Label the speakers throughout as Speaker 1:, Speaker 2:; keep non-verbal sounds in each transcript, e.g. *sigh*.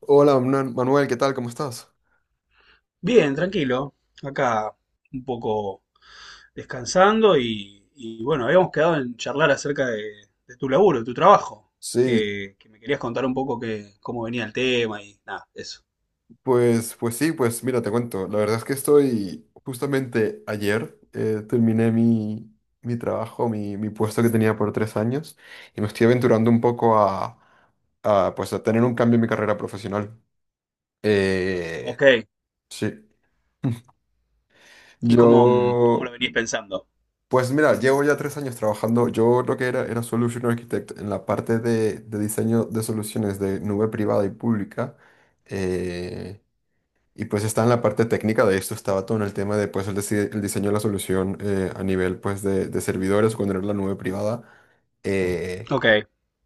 Speaker 1: Hola, Manuel, ¿qué tal? ¿Cómo estás?
Speaker 2: Bien, tranquilo. Acá un poco descansando y bueno, habíamos quedado en charlar acerca de tu laburo, de tu trabajo,
Speaker 1: Sí,
Speaker 2: que me querías contar un poco que, cómo venía el tema y nada, eso.
Speaker 1: pues sí, pues mira, te cuento. La verdad es que estoy justamente ayer terminé mi trabajo, mi puesto que tenía por tres años y me estoy aventurando un poco pues, a tener un cambio en mi carrera profesional. Eh,
Speaker 2: Ok,
Speaker 1: sí. *laughs*
Speaker 2: y cómo, cómo
Speaker 1: Yo,
Speaker 2: lo venís pensando.
Speaker 1: pues mira, llevo ya tres años trabajando. Yo lo que era Solution Architect en la parte de diseño de soluciones de nube privada y pública. Eh, Y pues está en la parte técnica de esto, estaba todo en el tema de pues el diseño de la solución a nivel pues de servidores cuando era la nube privada. eh,
Speaker 2: Ok,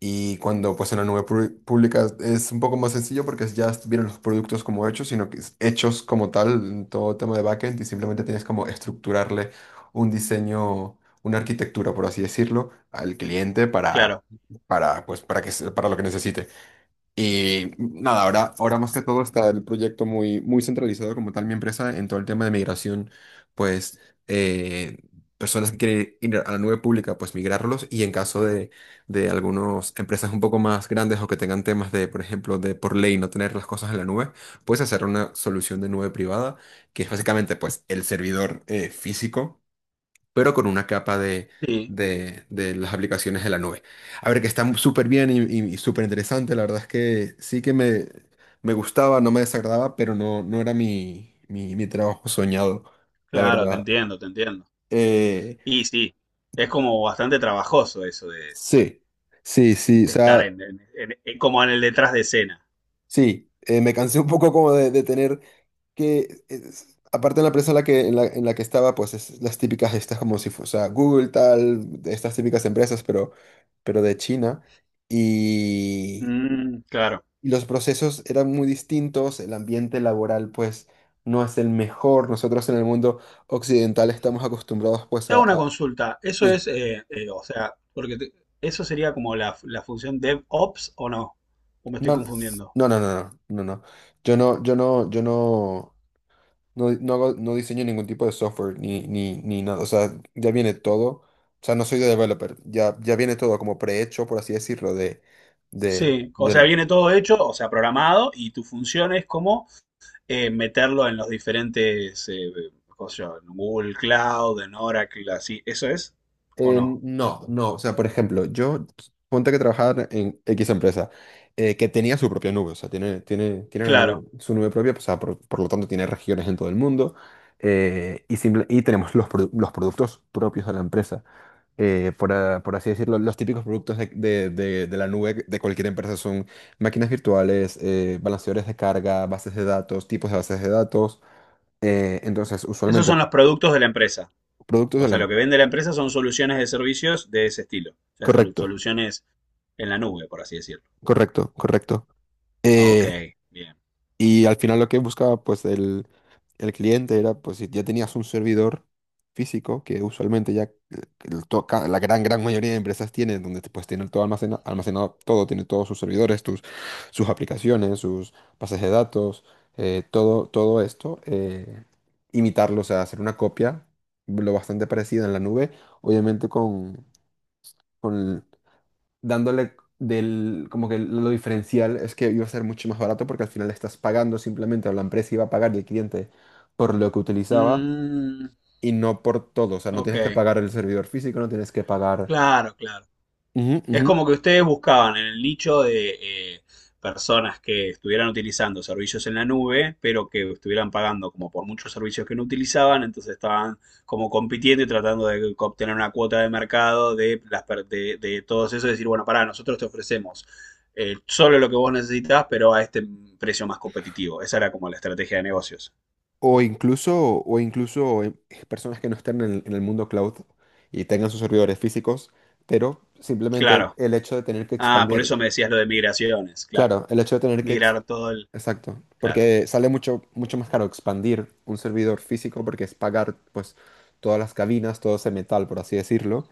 Speaker 1: y cuando pues en la nube pública es un poco más sencillo porque ya vienen los productos como hechos, sino que es hechos como tal en todo tema de backend y simplemente tienes como estructurarle un diseño, una arquitectura, por así decirlo, al cliente
Speaker 2: claro.
Speaker 1: pues, para lo que necesite. Y nada, ahora más que todo está el proyecto muy centralizado como tal mi empresa en todo el tema de migración, pues eh, personas que quieren ir a la nube pública, pues migrarlos y en caso de algunas empresas un poco más grandes o que tengan temas de, por ejemplo, de por ley no tener las cosas en la nube, puedes hacer una solución de nube privada, que es básicamente pues el servidor físico pero con una capa
Speaker 2: Sí,
Speaker 1: de las aplicaciones de la nube. A ver, que está súper bien y súper interesante. La verdad es que sí que me gustaba, no me desagradaba, pero no, no era mi trabajo soñado, la
Speaker 2: claro, te
Speaker 1: verdad.
Speaker 2: entiendo, te entiendo.
Speaker 1: Eh,
Speaker 2: Y sí, es como bastante trabajoso eso
Speaker 1: sí, sí, sí. O
Speaker 2: de estar
Speaker 1: sea,
Speaker 2: como en el detrás de escena.
Speaker 1: sí, me cansé un poco como de tener aparte en la empresa en la que estaba, pues es las típicas, estas como si fuese, o sea, Google, tal, de estas típicas empresas, pero de China. Y
Speaker 2: Mm, claro.
Speaker 1: los procesos eran muy distintos, el ambiente laboral, pues, no es el mejor. Nosotros en el mundo occidental estamos acostumbrados, pues,
Speaker 2: Te hago una consulta. Eso
Speaker 1: sí.
Speaker 2: es, o sea, eso sería como la función DevOps o no. O me estoy
Speaker 1: No,
Speaker 2: confundiendo.
Speaker 1: no. Yo no. No, no diseño ningún tipo de software ni nada. O sea, ya viene todo. O sea, no soy de developer. Ya viene todo como prehecho, por así decirlo,
Speaker 2: Sí, o sea,
Speaker 1: del...
Speaker 2: viene todo hecho, o sea, programado y tu función es como meterlo en los diferentes, cómo se llama, en Google Cloud, en Oracle, así. ¿Eso es o no?
Speaker 1: No, no. O sea, por ejemplo, yo ponte que trabajar en X empresa que tenía su propia nube. O sea, tiene una
Speaker 2: Claro.
Speaker 1: su nube propia. Pues, o sea, por lo tanto, tiene regiones en todo el mundo. Y tenemos los productos propios de la empresa. Por así decirlo, los típicos productos de la nube de cualquier empresa son máquinas virtuales, balanceadores de carga, bases de datos, tipos de bases de datos. Entonces,
Speaker 2: Esos
Speaker 1: usualmente,
Speaker 2: son los productos de la empresa.
Speaker 1: productos
Speaker 2: O
Speaker 1: de
Speaker 2: sea, lo
Speaker 1: la...
Speaker 2: que vende la empresa son soluciones de servicios de ese estilo. O sea,
Speaker 1: Correcto,
Speaker 2: soluciones en la nube, por así decirlo.
Speaker 1: correcto, correcto.
Speaker 2: Ah, ok,
Speaker 1: Eh,
Speaker 2: bien.
Speaker 1: Y al final lo que buscaba pues el cliente era pues si ya tenías un servidor físico, que usualmente ya la gran mayoría de empresas tienen, donde te puedes tener todo almacenado, todo, tiene todos sus servidores, tus, sus aplicaciones, sus bases de datos, todo, todo esto, imitarlo, o sea, hacer una copia lo bastante parecida en la nube, obviamente con, dándole del, como que lo diferencial es que iba a ser mucho más barato porque al final estás pagando simplemente, o la empresa iba a pagar el cliente por lo que utilizaba
Speaker 2: Mm,
Speaker 1: y no por todo. O sea, no tienes que
Speaker 2: ok,
Speaker 1: pagar el servidor físico, no tienes que pagar...
Speaker 2: claro, claro.
Speaker 1: Ujú,
Speaker 2: Es
Speaker 1: ujú.
Speaker 2: como que ustedes buscaban en el nicho de eh, personas que estuvieran utilizando servicios en la nube, pero que estuvieran pagando como por muchos servicios que no utilizaban, entonces estaban como compitiendo y tratando de obtener una cuota de mercado de todos esos, decir, bueno, pará, nosotros te ofrecemos solo lo que vos necesitas, pero a este precio más competitivo. Esa era como la estrategia de negocios.
Speaker 1: O incluso personas que no estén en en el mundo cloud y tengan sus servidores físicos, pero simplemente
Speaker 2: Claro.
Speaker 1: el hecho de tener que
Speaker 2: Ah, por
Speaker 1: expandir,
Speaker 2: eso me decías lo de migraciones, claro.
Speaker 1: claro, el hecho de tener que...
Speaker 2: Migrar todo el...
Speaker 1: Exacto,
Speaker 2: Claro.
Speaker 1: porque sale mucho más caro expandir un servidor físico porque es pagar pues todas las cabinas, todo ese metal, por así decirlo,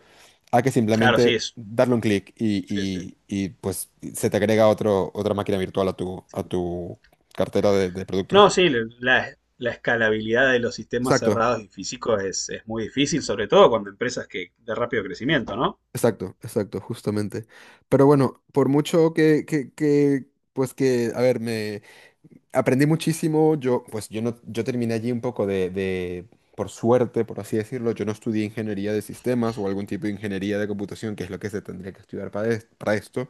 Speaker 1: a que
Speaker 2: Claro,
Speaker 1: simplemente
Speaker 2: sí, es.
Speaker 1: darle un clic
Speaker 2: Sí, sí.
Speaker 1: pues se te agrega otra máquina virtual a tu cartera de
Speaker 2: No,
Speaker 1: productos.
Speaker 2: sí, la, la escalabilidad de los sistemas
Speaker 1: Exacto,
Speaker 2: cerrados y físicos es muy difícil, sobre todo cuando empresas que de rápido crecimiento, ¿no?
Speaker 1: exacto, exacto, justamente. Pero bueno, por mucho que pues que, a ver, me... Aprendí muchísimo, yo, pues yo no, yo terminé allí un poco de, por suerte, por así decirlo, yo no estudié ingeniería de sistemas o algún tipo de ingeniería de computación, que es lo que se tendría que estudiar para esto.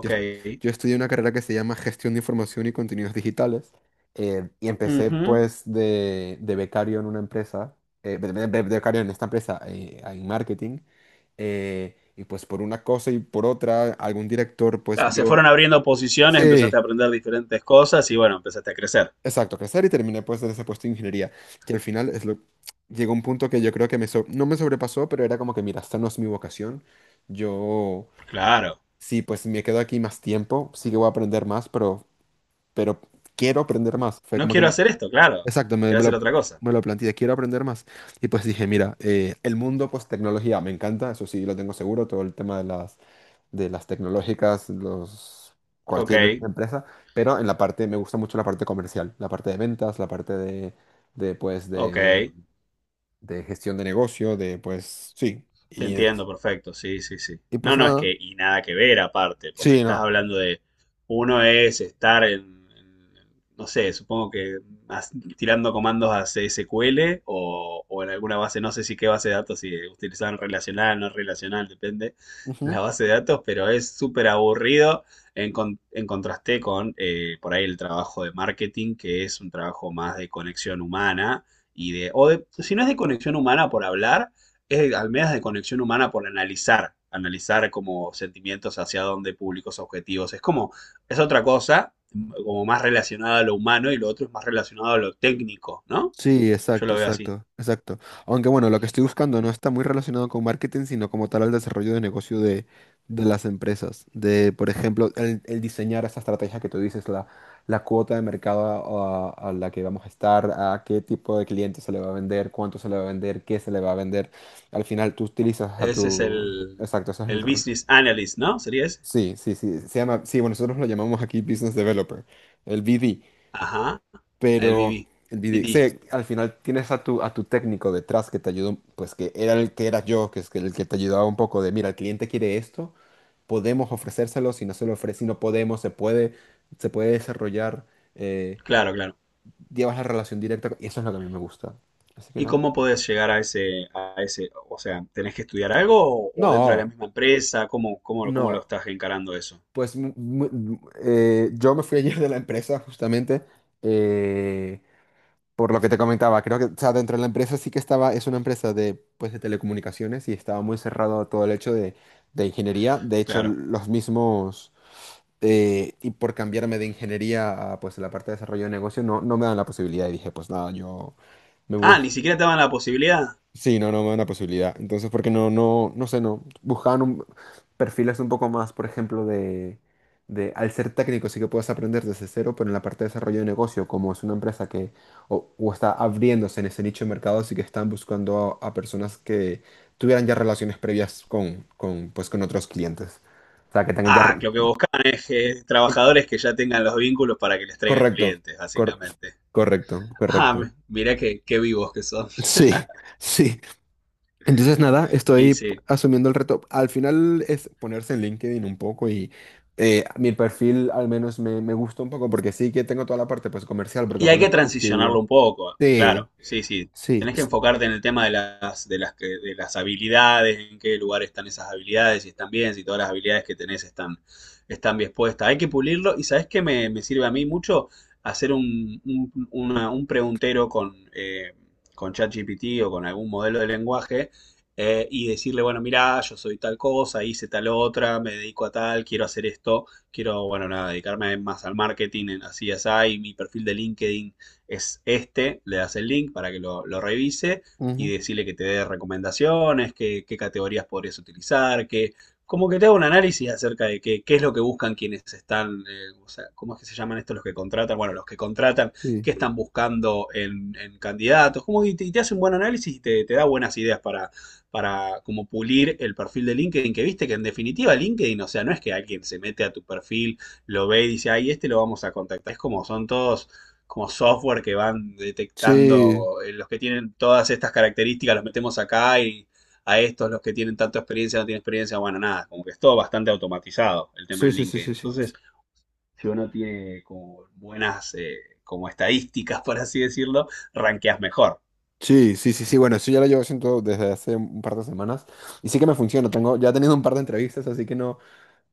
Speaker 1: Yo, est- yo estudié una carrera que se llama Gestión de Información y Contenidos Digitales y empecé
Speaker 2: Ujú.
Speaker 1: pues de becario en una empresa, de becario en esta empresa en marketing y pues por una cosa y por otra algún director pues
Speaker 2: Claro, se fueron
Speaker 1: vio...
Speaker 2: abriendo posiciones,
Speaker 1: Sí.
Speaker 2: empezaste a aprender diferentes cosas y bueno, empezaste a crecer.
Speaker 1: Exacto, crecer y terminé pues en ese puesto de ingeniería, que al final es lo... Llegó un punto que yo creo que no me sobrepasó, pero era como que, mira, esta no es mi vocación, yo
Speaker 2: Claro.
Speaker 1: sí, pues me quedo aquí más tiempo, sí que voy a aprender más, pero quiero aprender más. Fue
Speaker 2: No
Speaker 1: como
Speaker 2: quiero
Speaker 1: que,
Speaker 2: hacer esto, claro.
Speaker 1: exacto,
Speaker 2: Quiero hacer otra cosa.
Speaker 1: me lo planteé, quiero aprender más. Y pues dije, mira, el mundo pues tecnología me encanta, eso sí, lo tengo seguro, todo el tema de las tecnológicas, los,
Speaker 2: Ok,
Speaker 1: cualquier empresa, pero en la parte, me gusta mucho la parte comercial, la parte de ventas, la parte de pues,
Speaker 2: ok.
Speaker 1: de gestión de negocio, de, pues, sí,
Speaker 2: Te entiendo, perfecto, sí, sí, sí.
Speaker 1: y
Speaker 2: No,
Speaker 1: pues
Speaker 2: no, es
Speaker 1: nada,
Speaker 2: que, y nada que ver aparte, porque
Speaker 1: sí,
Speaker 2: estás
Speaker 1: no.
Speaker 2: hablando de, uno es estar en- no sé, supongo que as- tirando comandos a CSQL o en alguna base, no sé si qué base de datos, si utilizaban relacional, no relacional, depende
Speaker 1: Ujú.
Speaker 2: la base de datos, pero es súper aburrido en contraste con por ahí el trabajo de marketing, que es un trabajo más de conexión humana y de, o de, si no es de conexión humana por hablar es al menos de conexión humana por analizar, analizar como sentimientos hacia dónde, públicos, objetivos. Es como, es otra cosa, como más relacionada a lo humano y lo otro es más relacionado a lo técnico, ¿no?
Speaker 1: Sí,
Speaker 2: Yo
Speaker 1: exacto,
Speaker 2: lo veo así.
Speaker 1: exacto, exacto. Aunque bueno, lo que estoy buscando no está muy relacionado con marketing, sino como tal al desarrollo de negocio de las empresas. De, por ejemplo, el diseñar esa estrategia que tú dices, la cuota de mercado a la que vamos a estar, a qué tipo de cliente se le va a vender, cuánto se le va a vender, qué se le va a vender. Al final tú utilizas a
Speaker 2: Ese es
Speaker 1: tu... Exacto, ese es el...
Speaker 2: el
Speaker 1: r-
Speaker 2: Business Analyst, ¿no? ¿Sería ese?
Speaker 1: sí, sí, sí. Se llama... Sí, bueno, nosotros lo llamamos aquí Business Developer, el BD.
Speaker 2: Ajá, el
Speaker 1: Pero
Speaker 2: BB.
Speaker 1: el video,
Speaker 2: BD,
Speaker 1: sí, al final tienes a tu técnico detrás que te ayudó, pues que era el que era yo, que es que el que te ayudaba un poco de, mira, el cliente quiere esto, podemos ofrecérselo, si no se lo ofrece, si no podemos, se puede desarrollar, eh,
Speaker 2: claro, claro.
Speaker 1: llevas la relación directa, con- y eso es lo que a mí me gusta. Así que
Speaker 2: ¿Y
Speaker 1: nada.
Speaker 2: cómo podés llegar a ese, o sea, tenés que estudiar algo o dentro de la
Speaker 1: No,
Speaker 2: misma empresa? ¿Cómo, cómo, cómo lo
Speaker 1: no.
Speaker 2: estás encarando eso?
Speaker 1: Yo me fui ayer de la empresa justamente. Por lo que te comentaba, creo que, o sea, dentro de la empresa sí que estaba, es una empresa de, pues, de telecomunicaciones y estaba muy cerrado a todo el hecho de ingeniería. De hecho,
Speaker 2: Claro.
Speaker 1: los mismos, y por cambiarme de ingeniería a, pues, la parte de desarrollo de negocio, no, no me dan la posibilidad. Y dije, pues nada, yo me voy.
Speaker 2: Ah, ni siquiera te daban la posibilidad.
Speaker 1: Sí, no, no me da una posibilidad. Entonces, porque no, no, no sé, no. Perfiles un poco más, por ejemplo, de, al ser técnico sí que puedes aprender desde cero, pero en la parte de desarrollo de negocio, como es una empresa que o está abriéndose en ese nicho de mercado, sí que están buscando a personas que tuvieran ya relaciones previas con, pues, con otros clientes. O sea, que tengan ya...
Speaker 2: Ah,
Speaker 1: re-
Speaker 2: que lo que buscan es trabajadores que ya tengan los vínculos para que les traigan
Speaker 1: Correcto,
Speaker 2: clientes,
Speaker 1: cor-
Speaker 2: básicamente.
Speaker 1: correcto,
Speaker 2: Ah,
Speaker 1: correcto.
Speaker 2: mirá qué, qué vivos que son.
Speaker 1: Sí, sí. Entonces, nada,
Speaker 2: Y
Speaker 1: estoy
Speaker 2: sí.
Speaker 1: asumiendo el reto. Al final es ponerse en LinkedIn un poco y mi perfil al menos me gusta un poco porque sí que tengo toda la parte pues comercial porque
Speaker 2: Y
Speaker 1: fue
Speaker 2: hay
Speaker 1: lo
Speaker 2: que
Speaker 1: que
Speaker 2: transicionarlo
Speaker 1: estudié.
Speaker 2: un poco,
Speaker 1: Sí,
Speaker 2: claro, sí, sí.
Speaker 1: sí,
Speaker 2: Tenés que
Speaker 1: es-
Speaker 2: enfocarte en el tema de las habilidades, en qué lugar están esas habilidades, si están bien, si todas las habilidades que tenés están, están bien puestas. Hay que pulirlo y ¿sabés qué me, me sirve a mí mucho? Hacer un preguntero con ChatGPT o con algún modelo de lenguaje y decirle, bueno, mirá, yo soy tal cosa, hice tal otra, me dedico a tal, quiero hacer esto quiero, bueno, nada, dedicarme más al marketing, en, así es ahí, mi perfil de LinkedIn es este, le das el link para que lo revise y
Speaker 1: ujú,
Speaker 2: decirle que te dé recomendaciones, qué, qué categorías podrías utilizar, que como que te haga un análisis acerca de qué, qué es lo que buscan quienes están, o sea, cómo es que se llaman estos los que contratan, bueno, los que contratan,
Speaker 1: sí,
Speaker 2: qué están buscando en candidatos, como que te hace un buen análisis y te da buenas ideas para como pulir el perfil de LinkedIn, que viste que en definitiva LinkedIn, o sea, no es que alguien se mete a tu perfil, lo ve y dice, ay, este lo vamos a contactar. Es como son todos como software que van
Speaker 1: sí,
Speaker 2: detectando los que tienen todas estas características, los metemos acá y a estos, los que tienen tanta experiencia, no tienen experiencia, bueno, nada, como que es todo bastante automatizado el tema
Speaker 1: sí,
Speaker 2: en
Speaker 1: sí, sí,
Speaker 2: LinkedIn.
Speaker 1: sí, sí.
Speaker 2: Entonces, si uno tiene como buenas como estadísticas, *laughs* por así decirlo, ranqueas mejor.
Speaker 1: Sí, sí, sí, sí, bueno, eso ya lo llevo haciendo desde hace un par de semanas y sí que me funciona. Tengo, ya he tenido un par de entrevistas, así que no.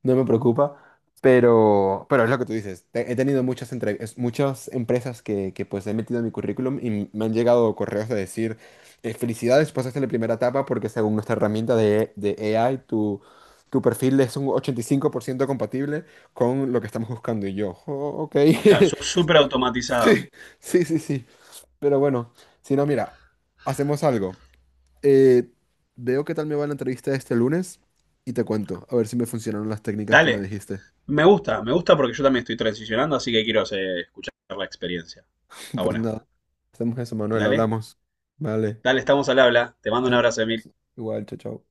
Speaker 1: No me preocupa, pero es lo que tú dices. Te- He tenido muchas, entrevistas, muchas empresas que pues he metido en mi currículum y me han llegado correos de decir, felicidades, pasaste la primera etapa porque según nuestra herramienta de AI, tu perfil es un 85% compatible con lo que estamos buscando. Y yo, "Oh, ok,
Speaker 2: Claro, sos
Speaker 1: *laughs*
Speaker 2: súper automatizado.
Speaker 1: sí, sí, sí, sí. Pero bueno, si no, mira, hacemos algo. Eh, veo qué tal me va la entrevista este lunes y te cuento, a ver si me funcionaron las técnicas que me
Speaker 2: Dale.
Speaker 1: dijiste.
Speaker 2: Me gusta porque yo también estoy transicionando, así que quiero escuchar la experiencia.
Speaker 1: *laughs*
Speaker 2: Está
Speaker 1: Pues
Speaker 2: buena.
Speaker 1: nada, hacemos eso, Manuel,
Speaker 2: Dale,
Speaker 1: hablamos. Vale.
Speaker 2: dale, estamos al habla. Te mando un abrazo,
Speaker 1: Adiós.
Speaker 2: Emil.
Speaker 1: Igual, chao, chao.